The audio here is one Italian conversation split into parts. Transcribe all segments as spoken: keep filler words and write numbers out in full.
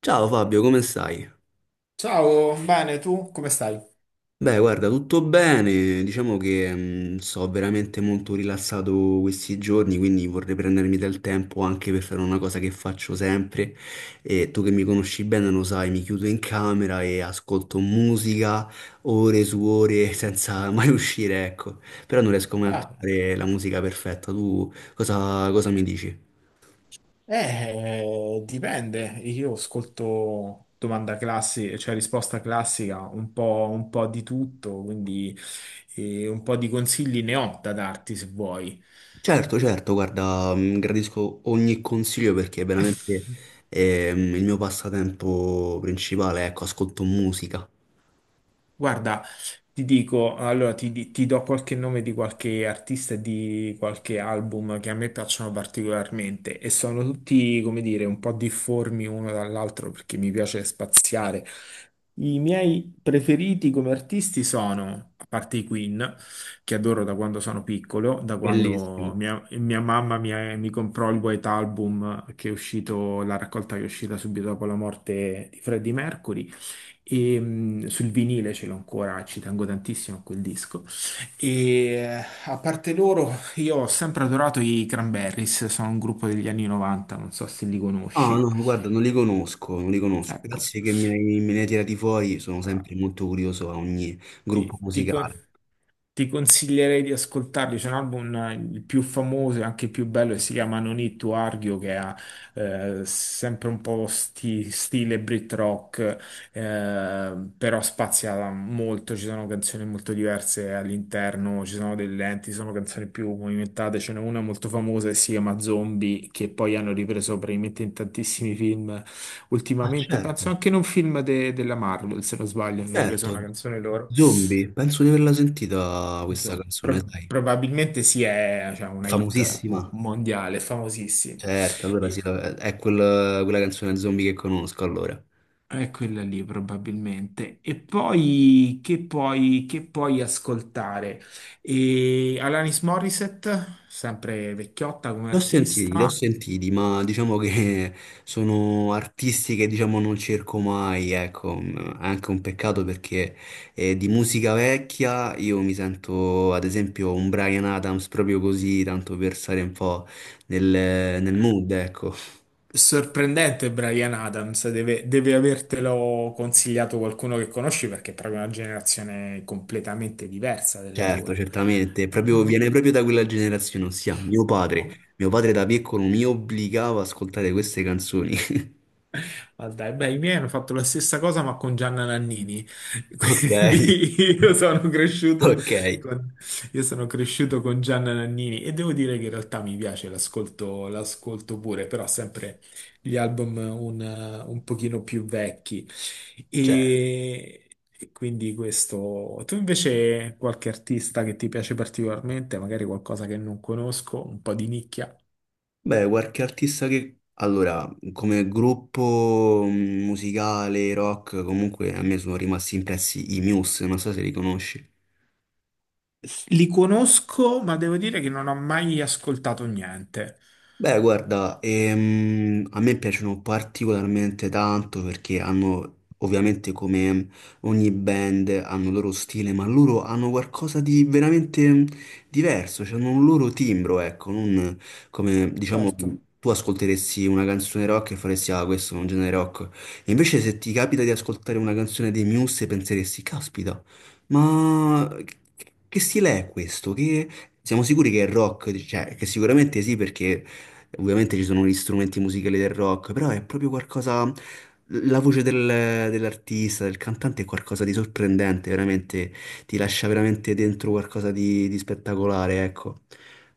Ciao Fabio, come stai? Ciao, bene, tu come stai? Beh, guarda, tutto bene. Diciamo che mh, sto veramente molto rilassato questi giorni, quindi vorrei prendermi del tempo anche per fare una cosa che faccio sempre. E tu che mi conosci bene lo sai, mi chiudo in camera e ascolto musica ore su ore senza mai uscire, ecco. Però non riesco mai a Ah, trovare la musica perfetta. Tu cosa, cosa mi dici? eh, dipende. Io ascolto domanda classica, cioè risposta classica, un po', un po' di tutto, quindi eh, un po' di consigli ne ho da darti se vuoi. Certo, certo, guarda, mh, gradisco ogni consiglio perché veramente ehm, il mio passatempo principale, ecco, ascolto musica. Guarda, ti dico, allora ti, di- ti do qualche nome di qualche artista e di qualche album che a me piacciono particolarmente e sono tutti, come dire, un po' difformi uno dall'altro perché mi piace spaziare. I miei preferiti come artisti sono, a parte i Queen, che adoro da quando sono piccolo, da quando Bellissimo. mia, mia mamma mi, mi comprò il White Album che è uscito, la raccolta che è uscita subito dopo la morte di Freddie Mercury. E, mh, sul vinile ce l'ho ancora, ci tengo tantissimo a quel disco. E eh, a parte loro, io ho sempre adorato i Cranberries, sono un gruppo degli anni novanta, non so se li Ah, conosci. no, guarda, non li conosco, non li conosco. Ecco, Grazie che mi hai- me ne hai tirati fuori, sono ah, sempre molto curioso a ogni gruppo ti, ti con- musicale. ti consiglierei di ascoltarli. C'è un album, eh, il più famoso e anche il più bello, che si chiama No Need to Argue, che ha eh, sempre un po' sti- stile Brit rock, eh, però spazia molto. Ci sono canzoni molto diverse all'interno, ci sono delle lenti, ci sono canzoni più movimentate. Ce n'è una molto famosa che si chiama Zombie, che poi hanno ripreso praticamente in tantissimi film Ah, ultimamente. certo, Penso anche in un film de- della Marvel, se non sbaglio, hanno ripreso una certo. canzone loro. Zombie, penso di averla sentita questa Insomma, canzone, pro- sai. probabilmente sì, è cioè, È una hit mo- famosissima. mondiale, famosissima. Certo, allora sì, E, è quel- quella canzone zombie che conosco, allora. è quella lì probabilmente. E poi che puoi, che puoi ascoltare? E Alanis Morissette, sempre vecchiotta come Li ho sentiti, li ho artista. sentiti, ma diciamo che sono artisti che diciamo non cerco mai, ecco, mm, è anche un peccato perché eh, di musica vecchia io mi sento ad esempio un Bryan Adams proprio così, tanto per stare un po' nel, nel mood, ecco. Sorprendente Brian Adams, deve, deve avertelo consigliato qualcuno che conosci perché è proprio una generazione completamente diversa della Certo, tua. certamente, proprio- viene proprio da quella generazione, ossia mio padre. Mio padre da piccolo mi obbligava ad ascoltare queste canzoni. Ah, dai, beh, i miei hanno fatto la stessa cosa ma con Gianna Nannini, Ok, quindi io sono cresciuto ok, con, io sono cresciuto con Gianna Nannini e devo dire che in realtà mi piace, l'ascolto l'ascolto pure, però sempre gli album un, un pochino più vecchi. cioè. E, e quindi questo. Tu invece qualche artista che ti piace particolarmente, magari qualcosa che non conosco, un po' di nicchia? Beh, qualche artista che... Allora, come gruppo mm, musicale, rock, comunque a me sono rimasti impressi i Muse, non so se li conosci. Li conosco, ma devo dire che non ho mai ascoltato niente. Beh, guarda, ehm, a me piacciono particolarmente tanto perché hanno, ovviamente come ogni band, hanno il loro stile, ma loro hanno qualcosa di veramente diverso, cioè hanno un loro timbro, ecco, non come, diciamo, Certo. tu ascolteresti una canzone rock e faresti, ah, questo è un genere rock. E invece se ti capita di ascoltare una canzone dei Muse penseresti, caspita, ma che che stile è questo? Che... Siamo sicuri che è rock, cioè che sicuramente sì perché ovviamente ci sono gli strumenti musicali del rock, però è proprio qualcosa. La voce del- dell'artista, del cantante è qualcosa di sorprendente, veramente ti lascia veramente dentro qualcosa di, di spettacolare, ecco.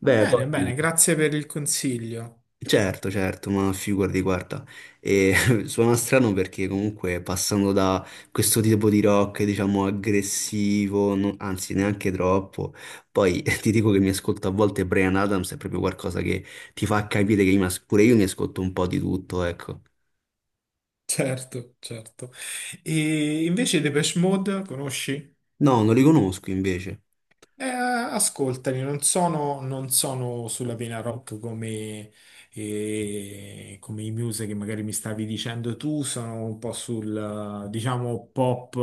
Va bene, poi. bene, grazie per il consiglio. Certo, certo, ma figurati, guarda, e, suona strano perché comunque passando da questo tipo di rock, diciamo, aggressivo, non- anzi neanche troppo, poi ti dico che mi ascolto a volte Brian Adams, è proprio qualcosa che ti fa capire che io mi as- pure io mi ascolto un po' di tutto, ecco. Certo, certo. E invece Depeche Mode, conosci? No, non li conosco invece. Eh, ascoltami, non sono, non sono sulla vena rock come, eh, come i Muse che magari mi stavi dicendo tu, sono un po' sul, eh, diciamo, pop,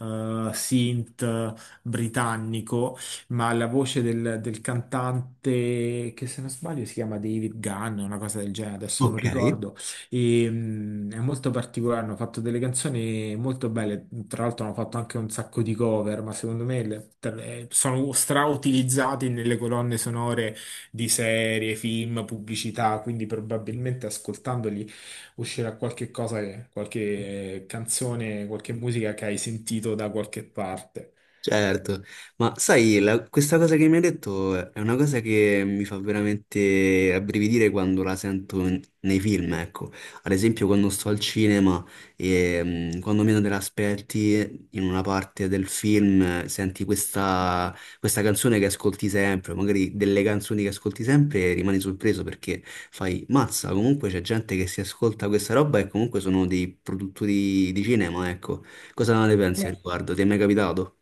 eh, synth britannico, ma la voce del, del cantante, che se non sbaglio si chiama David Gunn, una cosa del genere, adesso non Ok. ricordo, e, mm, è molto particolare, hanno fatto delle canzoni molto belle, tra l'altro hanno fatto anche un sacco di cover, ma secondo me le- tra- eh, sono strautilizzati nelle colonne sonore di serie, film, pubblicità, quindi probabilmente ascoltandoli uscirà qualche cosa, che- qualche eh, canzone, qualche musica che hai sentito da qualche parte. Certo, ma sai, la- questa cosa che mi hai detto è una cosa che mi fa veramente rabbrividire quando la sento in- nei film, ecco. Ad esempio quando sto al cinema e mm, quando meno te l'aspetti in una parte del film eh, senti questa, questa canzone che ascolti sempre, magari delle canzoni che ascolti sempre e rimani sorpreso perché fai, mazza, comunque c'è gente che si ascolta questa roba e comunque sono dei produttori di cinema, ecco. Cosa ne pensi al riguardo? Ti è mai capitato?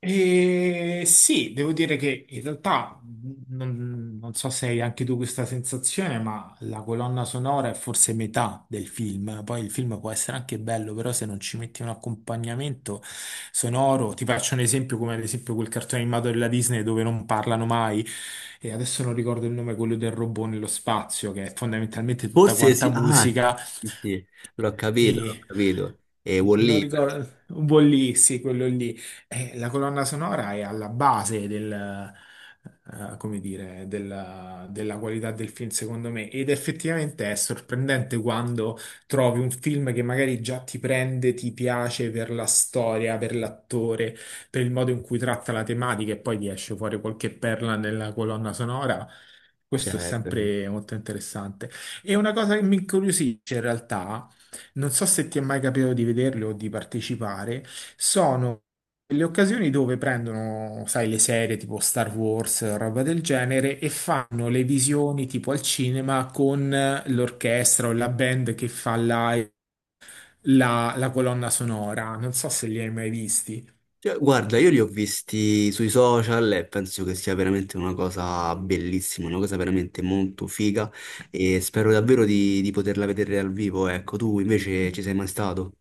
E sì, devo dire che in realtà mh, non, non so se hai anche tu questa sensazione, ma la colonna sonora è forse metà del film. Poi il film può essere anche bello, però se non ci metti un accompagnamento sonoro, ti faccio un esempio come ad esempio quel cartone animato della Disney dove non parlano mai, e adesso non ricordo il nome, quello del robot nello spazio, che è fondamentalmente tutta Forse quanta sì, ah, musica sì, sì, l'ho capito, l'ho e capito. E wall non ricordo, un po' lì, sì, quello lì. Eh, la colonna sonora è alla base del, eh, come dire, della, della qualità del film, secondo me. Ed effettivamente è sorprendente quando trovi un film che magari già ti prende, ti piace per la storia, per l'attore, per il modo in cui tratta la tematica, e poi ti esce fuori qualche perla nella colonna sonora. Questo è certo. sempre molto interessante. E una cosa che mi incuriosisce in realtà non so se ti è mai capitato di vederli o di partecipare, sono le occasioni dove prendono, sai, le serie tipo Star Wars, roba del genere, e fanno le visioni tipo al cinema con l'orchestra o la band che fa live la, la colonna sonora. Non so se li hai mai visti. Cioè, guarda, io li ho visti sui social e penso che sia veramente una cosa bellissima, una cosa veramente molto figa e spero davvero di, di poterla vedere dal vivo. Ecco, tu invece ci sei mai stato?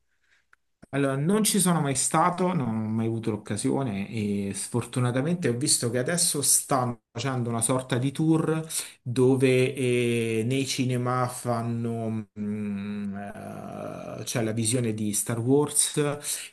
Allora, non ci sono mai stato, non ho mai avuto l'occasione e sfortunatamente ho visto che adesso stanno facendo una sorta di tour dove eh, nei cinema fanno mm, eh, c'è la visione di Star Wars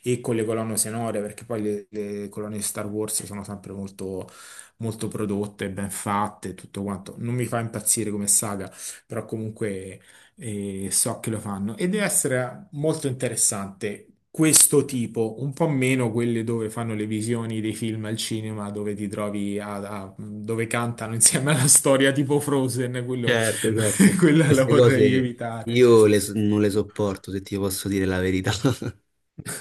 e con le colonne sonore, perché poi le, le colonne di Star Wars sono sempre molto, molto prodotte, ben fatte e tutto quanto. Non mi fa impazzire come saga, però comunque e so che lo fanno e deve essere molto interessante questo tipo, un po' meno quelle dove fanno le visioni dei film al cinema, dove ti trovi a, a- dove cantano insieme alla storia tipo Frozen, quello, Certo, certo. quella la Queste vorrei cose evitare. io le so- non le sopporto, se ti posso dire la verità.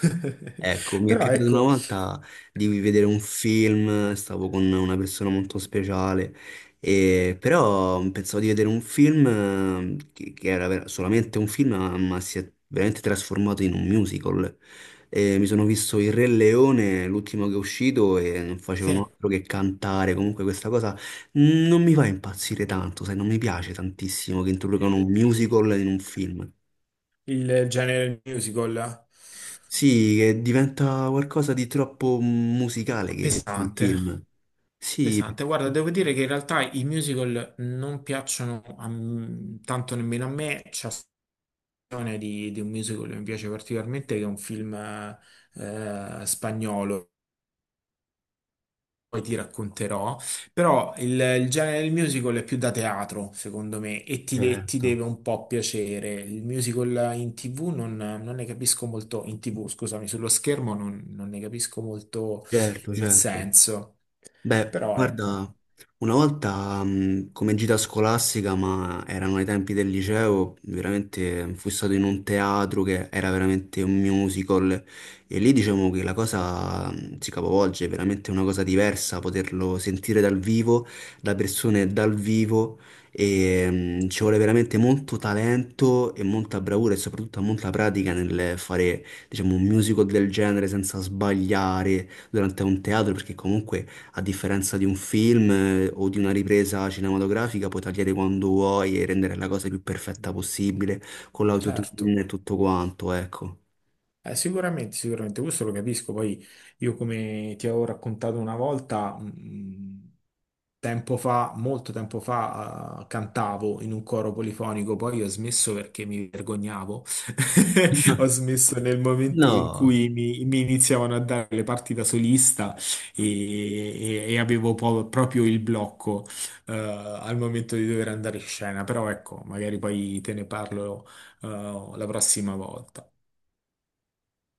Ecco, mi è Però capitato una ecco, volta di vedere un film, stavo con una persona molto speciale, e- però pensavo di vedere un film eh, che, che era ver- solamente un film, ma ma si è veramente trasformato in un musical. E mi sono visto Il Re Leone, l'ultimo che è uscito, e non sì, facevano altro che cantare. Comunque questa cosa non mi fa impazzire tanto, sai, non mi piace tantissimo che introducano i- un i- musical in un film. il genere musical Sì, che diventa qualcosa di troppo musicale che un pesante. film. Sì, Pesante, guarda, devo dire che in realtà i musical non piacciono a m- tanto nemmeno a me, versione di, di un musical che mi piace particolarmente, che è un film eh, spagnolo, poi ti racconterò, però il, il genere del musical è più da teatro, secondo me, e ti, de- ti certo, deve un po' piacere. Il musical in ti vu non, non ne capisco molto, in ti vu, scusami, sullo schermo non, non ne capisco molto certo, il certo. senso, Beh, però ecco, guarda, una volta mh, come gita scolastica, ma erano ai tempi del liceo, veramente fui stato in un teatro che era veramente un musical e lì diciamo che la cosa mh, si capovolge, è veramente una cosa diversa poterlo sentire dal vivo, da persone dal vivo e mh, ci vuole veramente molto talento e molta bravura e soprattutto molta pratica nel fare diciamo un musical del genere senza sbagliare durante un teatro perché comunque a differenza di un film eh, o di una ripresa cinematografica, puoi tagliare quando vuoi e rendere la cosa più perfetta possibile con certo. l'autotune e tutto quanto, ecco. Eh, sicuramente, sicuramente, questo lo capisco. Poi io come ti avevo raccontato una volta, mh, tempo fa, molto tempo fa, eh, cantavo in un coro polifonico, poi ho smesso perché mi vergognavo. Ho smesso nel momento in No. cui mi, mi iniziavano a dare le parti da solista e, e- e avevo po- proprio il blocco, eh, al momento di dover andare in scena. Però ecco, magari poi te ne parlo, eh, la prossima volta.